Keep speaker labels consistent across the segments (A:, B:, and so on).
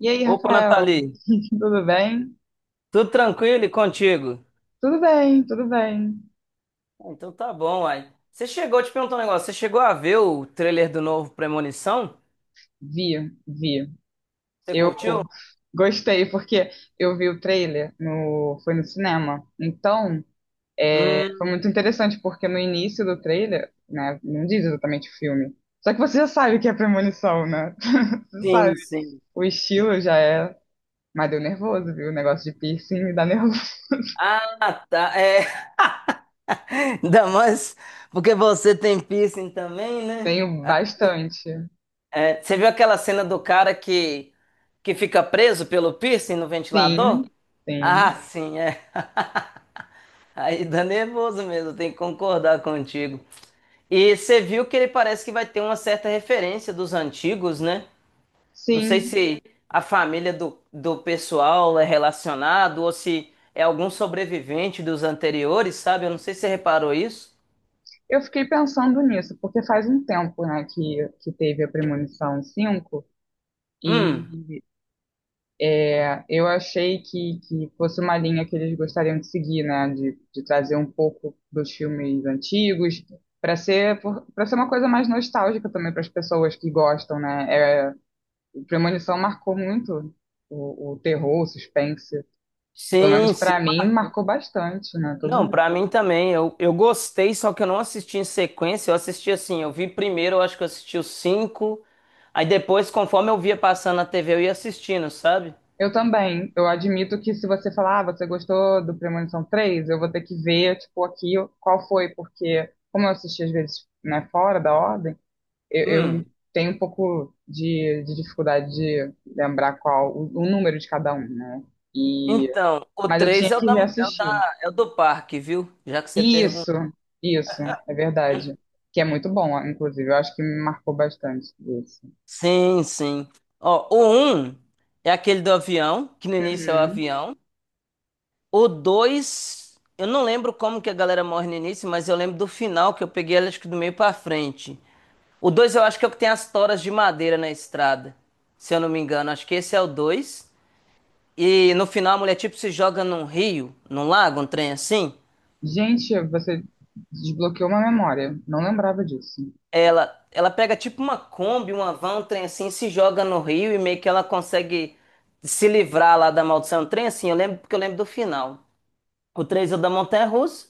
A: E aí,
B: Opa,
A: Rafael,
B: Nathalie,
A: tudo bem?
B: tudo tranquilo e contigo?
A: Tudo bem, tudo bem.
B: Ah, então tá bom, uai. Você chegou, te perguntar um negócio, você chegou a ver o trailer do novo Premonição?
A: Vi, vi.
B: Você
A: Eu
B: curtiu?
A: gostei porque eu vi o trailer foi no cinema. Então, é, foi muito
B: Hum,
A: interessante porque no início do trailer, né, não diz exatamente o filme. Só que você já sabe o que é premonição, né? Você sabe.
B: sim, sim.
A: O estilo já é, mas deu nervoso, viu? O negócio de piercing me dá nervoso.
B: Ah, tá, é, ainda mais porque você tem piercing também, né?
A: Tenho bastante.
B: É, você viu aquela cena do cara que fica preso pelo piercing no ventilador?
A: Sim,
B: Ah,
A: sim,
B: sim, é. Aí dá nervoso mesmo, tem que concordar contigo. E você viu que ele parece que vai ter uma certa referência dos antigos, né? Não sei
A: sim.
B: se a família do pessoal é relacionado ou se é algum sobrevivente dos anteriores, sabe? Eu não sei se você reparou isso.
A: Eu fiquei pensando nisso, porque faz um tempo, né, que teve a Premonição 5
B: Hum,
A: e é, eu achei que fosse uma linha que eles gostariam de seguir, né, de trazer um pouco dos filmes antigos, para ser, para ser uma coisa mais nostálgica também para as pessoas que gostam, né. É, o Premonição marcou muito o terror, o suspense, pelo
B: sim,
A: menos para
B: sim,
A: mim,
B: marcou.
A: marcou bastante, né, todo.
B: Não, pra mim também. Eu gostei, só que eu não assisti em sequência. Eu assisti assim, eu vi primeiro, eu acho que eu assisti os cinco. Aí depois, conforme eu via passando na TV, eu ia assistindo, sabe?
A: Eu também. Eu admito que se você falar, ah, você gostou do Premonição 3, eu vou ter que ver, tipo, aqui qual foi, porque como eu assisti às vezes, né, fora da ordem, eu, eu
B: Hum,
A: tenho um pouco de dificuldade de lembrar qual o número de cada um, né? E,
B: Então, o
A: mas eu
B: 3
A: tinha que reassistir.
B: é o do parque, viu? Já que você
A: Isso,
B: perguntou.
A: isso, é verdade. Que é muito bom, inclusive. Eu acho que me marcou bastante isso.
B: Sim, sim. Ó, o um é aquele do avião, que no início é o
A: Uhum.
B: avião. O 2, eu não lembro como que a galera morre no início, mas eu lembro do final, que eu peguei ele acho que do meio pra frente. O 2, eu acho que é o que tem as toras de madeira na estrada, se eu não me engano. Acho que esse é o 2. E no final a mulher tipo se joga num rio, num lago, um trem assim.
A: Gente, você desbloqueou uma memória. Não lembrava disso.
B: Ela pega tipo uma Kombi, uma van, um trem assim, se joga no rio e meio que ela consegue se livrar lá da maldição. Um trem assim, eu lembro porque eu lembro do final. O 3 é o da montanha-russa,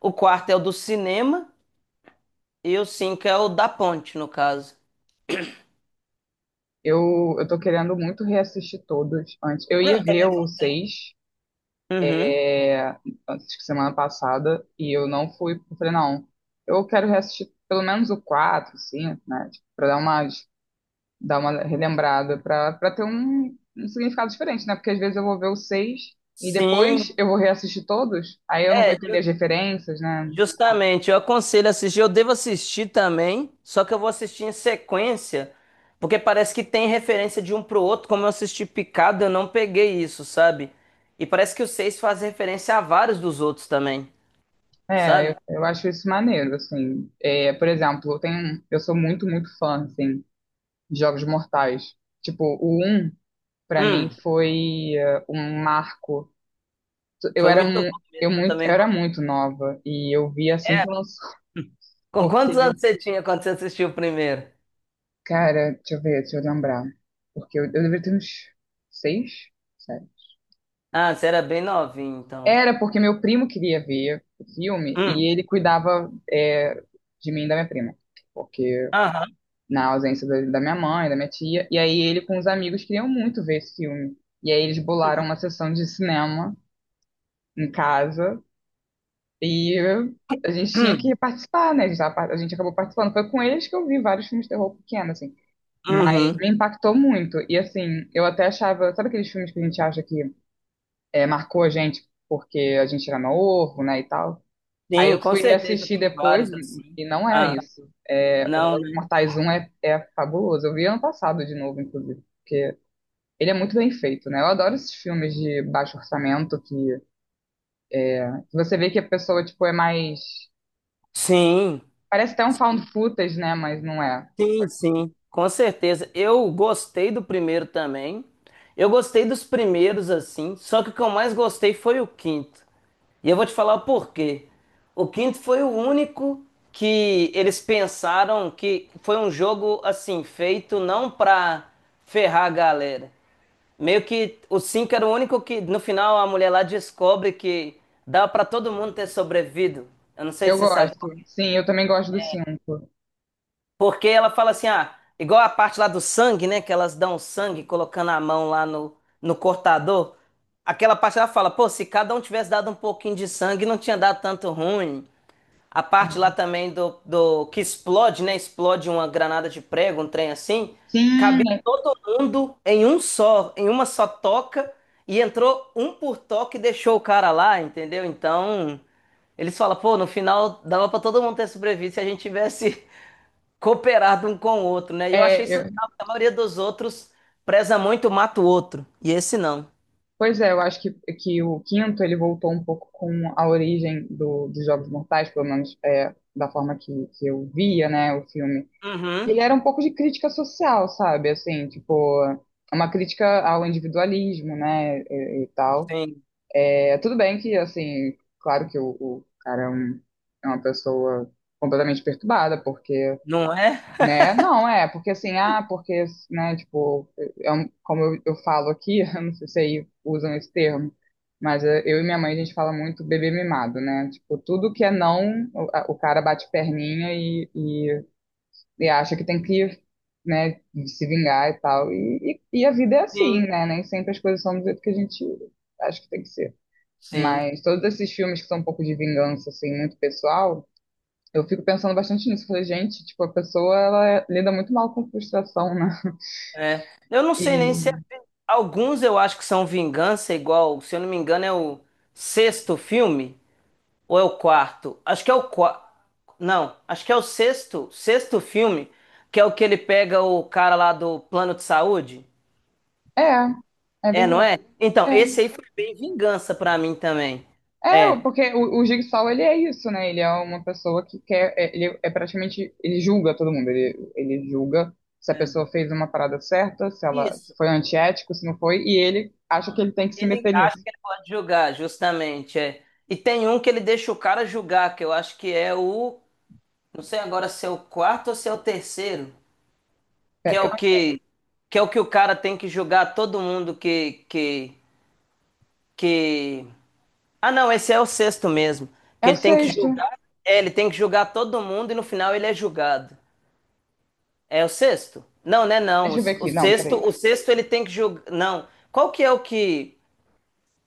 B: o quarto é o do cinema e o 5 é o da ponte, no caso.
A: Eu tô querendo muito reassistir todos antes. Eu ia
B: Não,
A: ver
B: também.
A: o 6
B: Uhum.
A: antes que semana passada e eu não fui. Eu falei, não, eu quero reassistir pelo menos o 4 5, né? Tipo, pra dar uma relembrada, pra ter um significado diferente, né? Porque às vezes eu vou ver o 6 e
B: Sim,
A: depois eu vou reassistir todos, aí eu não vou entender as referências, né? Sei lá.
B: justamente, eu aconselho a assistir. Eu devo assistir também, só que eu vou assistir em sequência, porque parece que tem referência de um pro outro. Como eu assisti Picado, eu não peguei isso, sabe? E parece que o seis faz referência a vários dos outros também,
A: É, eu,
B: sabe?
A: eu acho isso maneiro, assim. É, por exemplo, eu sou muito, muito fã, assim. Jogos Mortais. Tipo, o um pra mim,
B: Hum,
A: foi um marco. Eu
B: foi
A: era,
B: muito
A: mu-
B: bom
A: eu
B: mesmo. Eu
A: muito, eu
B: também
A: era
B: gostei.
A: muito nova e eu vi assim que
B: Era.
A: lançou.
B: Com quantos
A: Porque,
B: anos você tinha quando você assistiu o primeiro?
A: cara, deixa eu ver, deixa eu lembrar. Porque eu deveria ter uns seis, sete.
B: Ah, você era bem novinho, então.
A: Era porque meu primo queria ver o filme
B: Hum,
A: e ele cuidava de mim e da minha prima. Porque
B: aham,
A: na ausência da minha mãe, da minha tia. E aí ele com os amigos queriam muito ver esse filme. E aí eles bolaram
B: uhum,
A: uma sessão de cinema em casa e a gente tinha
B: uhum.
A: que participar, né? A gente acabou participando. Foi com eles que eu vi vários filmes de terror pequeno, assim. Mas
B: Uhum.
A: me impactou muito. E assim, eu até achava, sabe aqueles filmes que a gente acha que é, marcou a gente porque a gente era novo, né, e tal? Aí eu
B: Sim, com
A: fui
B: certeza
A: assistir
B: tem
A: depois
B: vários assim.
A: e não é
B: Ah,
A: isso. É, o
B: não,
A: Jogos
B: né?
A: Mortais 1 é fabuloso. Eu vi ano passado de novo, inclusive, porque ele é muito bem feito, né? Eu adoro esses filmes de baixo orçamento que que você vê que a pessoa, tipo, é mais.
B: Sim.
A: Parece até um
B: Sim,
A: found footage, né? Mas não é.
B: sim, sim, com certeza. Eu gostei do primeiro também. Eu gostei dos primeiros, assim. Só que o que eu mais gostei foi o quinto. E eu vou te falar o porquê. O quinto foi o único que eles pensaram que foi um jogo, assim, feito não pra ferrar a galera. Meio que o cinco era o único que, no final, a mulher lá descobre que dá pra todo mundo ter sobrevivido. Eu não sei
A: Eu
B: se você sabe.
A: gosto. Sim, eu também gosto do 5.
B: Porque ela fala assim, ah, igual a parte lá do sangue, né? Que elas dão sangue colocando a mão lá no cortador. Aquela parte ela fala, pô, se cada um tivesse dado um pouquinho de sangue, não tinha dado tanto ruim. A parte lá
A: Sim,
B: também do que explode, né? Explode uma granada de prego, um trem assim.
A: sim,
B: Cabia todo mundo em um só, em uma só toca. E entrou um por toque e deixou o cara lá, entendeu? Então, eles falam, pô, no final dava pra todo mundo ter sobrevivido se a gente tivesse cooperar de um com o outro, né? E eu achei
A: é,
B: isso
A: eu-
B: legal, porque a maioria dos outros preza muito, mata o outro. E esse não.
A: pois é, eu acho que o quinto ele voltou um pouco com a origem dos Jogos Mortais, pelo menos é, da forma que eu via, né, o filme. Ele
B: Uhum.
A: era um pouco de crítica social, sabe? Assim, tipo, uma crítica ao individualismo, né, e tal.
B: Sim.
A: É, tudo bem que, assim, claro que o cara é uma pessoa completamente perturbada, porque.
B: Não é?
A: Né? Não, é, porque assim, ah, porque, né, tipo, como eu falo aqui, eu não sei se aí usam esse termo, mas é, eu e minha mãe, a gente fala muito bebê mimado, né? Tipo, tudo que é não, o cara bate perninha e acha que tem que, né, se vingar e tal. E a vida é assim,
B: Sim.
A: né? Nem sempre as coisas são do jeito que a gente acha que tem que ser.
B: Sim.
A: Mas todos esses filmes que são um pouco de vingança, assim, muito pessoal, eu fico pensando bastante nisso. Falei, gente, tipo, a pessoa, lida muito mal com frustração, né?
B: É. Eu não sei
A: E
B: nem se é... Alguns eu acho que são vingança, igual, se eu não me engano, é o sexto filme, ou é o quarto? Acho que é o quarto. Não, acho que é o sexto filme, que é o que ele pega o cara lá do plano de saúde.
A: é, é
B: É, não
A: verdade.
B: é? Então,
A: É,
B: esse aí foi bem vingança pra mim também.
A: é
B: É.
A: porque o Jigsaw, ele é isso, né? Ele é uma pessoa que quer, ele é praticamente, ele julga todo mundo. Ele julga se a
B: É,
A: pessoa fez uma parada certa, se ela
B: isso.
A: se foi antiético, se não foi, e ele acha que ele tem que
B: E
A: se
B: ele
A: meter
B: acha
A: nisso.
B: que ele pode julgar, justamente, é. E tem um que ele deixa o cara julgar, que eu acho que é o, não sei agora se é o quarto ou se é o terceiro,
A: É,
B: que é o que que é o que o cara tem que julgar todo mundo que que. Ah, não, esse é o sexto mesmo, que
A: é o
B: ele tem que
A: sexto.
B: julgar, é, ele tem que julgar todo mundo e no final ele é julgado. É o sexto? Não, né, não. O,
A: Deixa eu ver
B: o
A: aqui. Não,
B: sexto,
A: peraí.
B: o sexto ele tem que julgar, não. Qual que é o que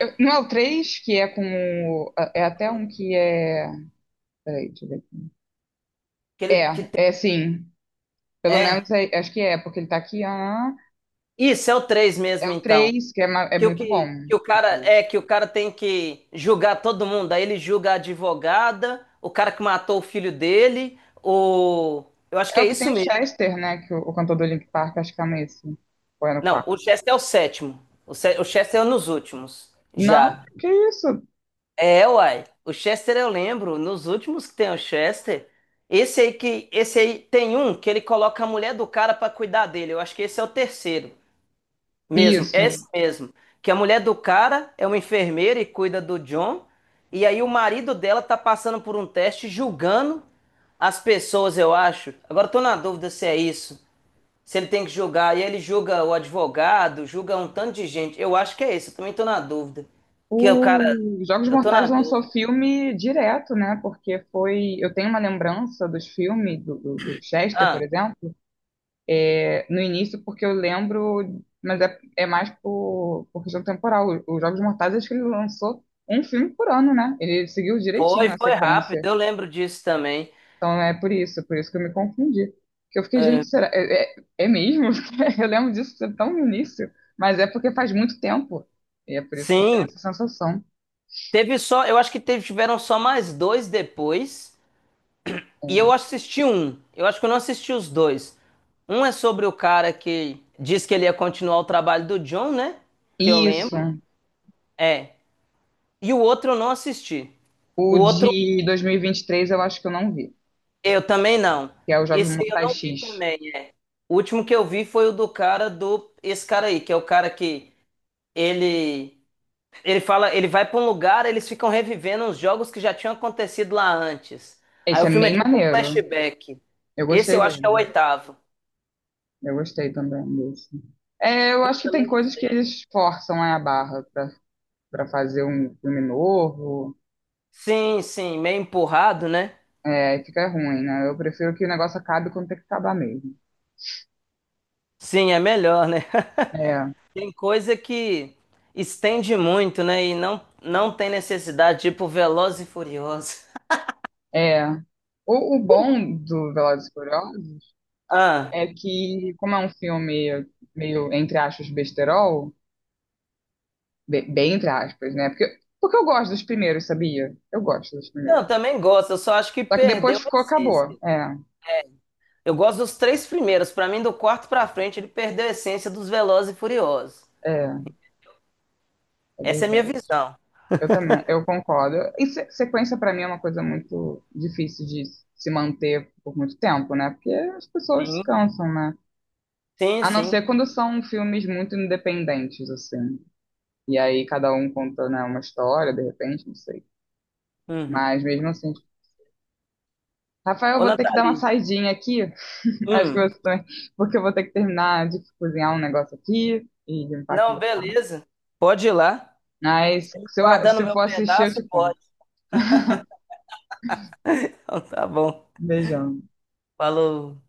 A: Não é o três, que é com é até um que é, peraí, deixa eu ver.
B: que ele que
A: É,
B: tem...
A: é sim. Pelo
B: É.
A: menos acho que é, porque ele tá aqui. Ah,
B: Isso é o 3
A: é
B: mesmo,
A: o
B: então.
A: 3 que é
B: Que o
A: muito bom.
B: que, que o
A: O
B: cara
A: três.
B: é que o cara tem que julgar todo mundo. Aí ele julga a advogada, o cara que matou o filho dele, o eu acho
A: É
B: que é
A: o que tem
B: isso
A: o
B: mesmo.
A: Chester, né? Que o cantor do Linkin Park, acho que é nesse. Ou é no
B: Não,
A: quarto.
B: o Chester é o sétimo. O Chester é nos últimos.
A: Não,
B: Já.
A: que isso?
B: É, uai. O Chester eu lembro, nos últimos que tem o Chester. Esse aí tem um que ele coloca a mulher do cara pra cuidar dele. Eu acho que esse é o terceiro. Mesmo,
A: Isso.
B: esse mesmo. Que a mulher do cara é uma enfermeira e cuida do John. E aí o marido dela tá passando por um teste julgando as pessoas, eu acho. Agora eu tô na dúvida se é isso. Se ele tem que julgar. E ele julga o advogado, julga um tanto de gente. Eu acho que é isso. Eu também tô na dúvida. Que o cara.
A: O Jogos
B: Eu tô na
A: Mortais lançou
B: dúvida.
A: filme direto, né? Porque foi. Eu tenho uma lembrança dos filmes, do Chester, por
B: Ah,
A: exemplo, é, no início, porque eu lembro, mas é mais por questão temporal. Os Jogos Mortais, acho que ele lançou um filme por ano, né? Ele seguiu
B: foi,
A: direitinho a
B: foi rápido.
A: sequência.
B: Eu lembro disso também.
A: Então é por isso que eu me confundi. Que eu fiquei, gente,
B: É,
A: será? É mesmo? Eu lembro disso ser tão no início, mas é porque faz muito tempo. E é por isso que eu tenho
B: sim.
A: essa sensação.
B: Teve só. Eu acho que teve, tiveram só mais dois depois. E eu
A: É.
B: assisti um. Eu acho que eu não assisti os dois. Um é sobre o cara que diz que ele ia continuar o trabalho do John, né? Que eu
A: Isso.
B: lembro. É. E o outro eu não assisti. O
A: O
B: outro
A: de 2023 eu acho que eu não vi,
B: eu também não.
A: que é os Jogos
B: Esse aí eu
A: Mortais
B: não vi
A: X.
B: também. O último que eu vi foi o do cara do esse cara aí, que é o cara que ele ele fala, ele vai pra um lugar, eles ficam revivendo uns jogos que já tinham acontecido lá antes. Aí
A: Esse
B: o
A: é
B: filme é
A: bem
B: tipo um
A: maneiro.
B: flashback.
A: Eu
B: Esse
A: gostei
B: eu acho que é o
A: dele.
B: oitavo.
A: Eu gostei também desse. É, eu acho
B: Eu
A: que tem
B: também.
A: coisas que eles forçam, né, a barra pra fazer um filme novo.
B: Sim, sim, meio empurrado, né?
A: É, fica ruim, né? Eu prefiro que o negócio acabe quando tem que acabar mesmo.
B: Sim, é melhor, né?
A: É,
B: Tem coisa que estende muito, né? E não, não tem necessidade, tipo Veloz e Furioso.
A: é. O bom do Velozes e Furiosos
B: Ah,
A: é que, como é um filme meio, entre aspas, besterol, bem entre aspas, né? Porque eu gosto dos primeiros, sabia? Eu gosto dos
B: não,
A: primeiros.
B: eu também gosto, eu só acho que
A: Só que
B: perdeu
A: depois
B: a
A: ficou, acabou.
B: essência. Eu gosto dos três primeiros, pra mim, do quarto pra frente, ele perdeu a essência dos Veloz e Furiosos.
A: É, é
B: Essa é a minha
A: verdade.
B: visão.
A: Eu também, eu concordo. E sequência, pra mim, é uma coisa muito difícil de se manter por muito tempo, né? Porque as pessoas se
B: Sim,
A: cansam, né?
B: sim,
A: A não ser
B: sim.
A: quando são filmes muito independentes, assim. E aí cada um conta, né, uma história, de repente, não sei.
B: Uhum.
A: Mas mesmo assim, tipo, Rafael, eu
B: Ô,
A: vou ter que dar uma
B: Nathalie.
A: saidinha aqui. Acho que
B: Hum.
A: você também, porque eu vou ter que terminar de cozinhar um negócio aqui e limpar aqui
B: Não,
A: meu quarto.
B: beleza. Pode ir lá.
A: Mas se eu,
B: Guardando
A: se eu
B: meu
A: for assistir, eu te
B: pedaço,
A: conto.
B: pode. Então, tá bom.
A: Beijão.
B: Falou.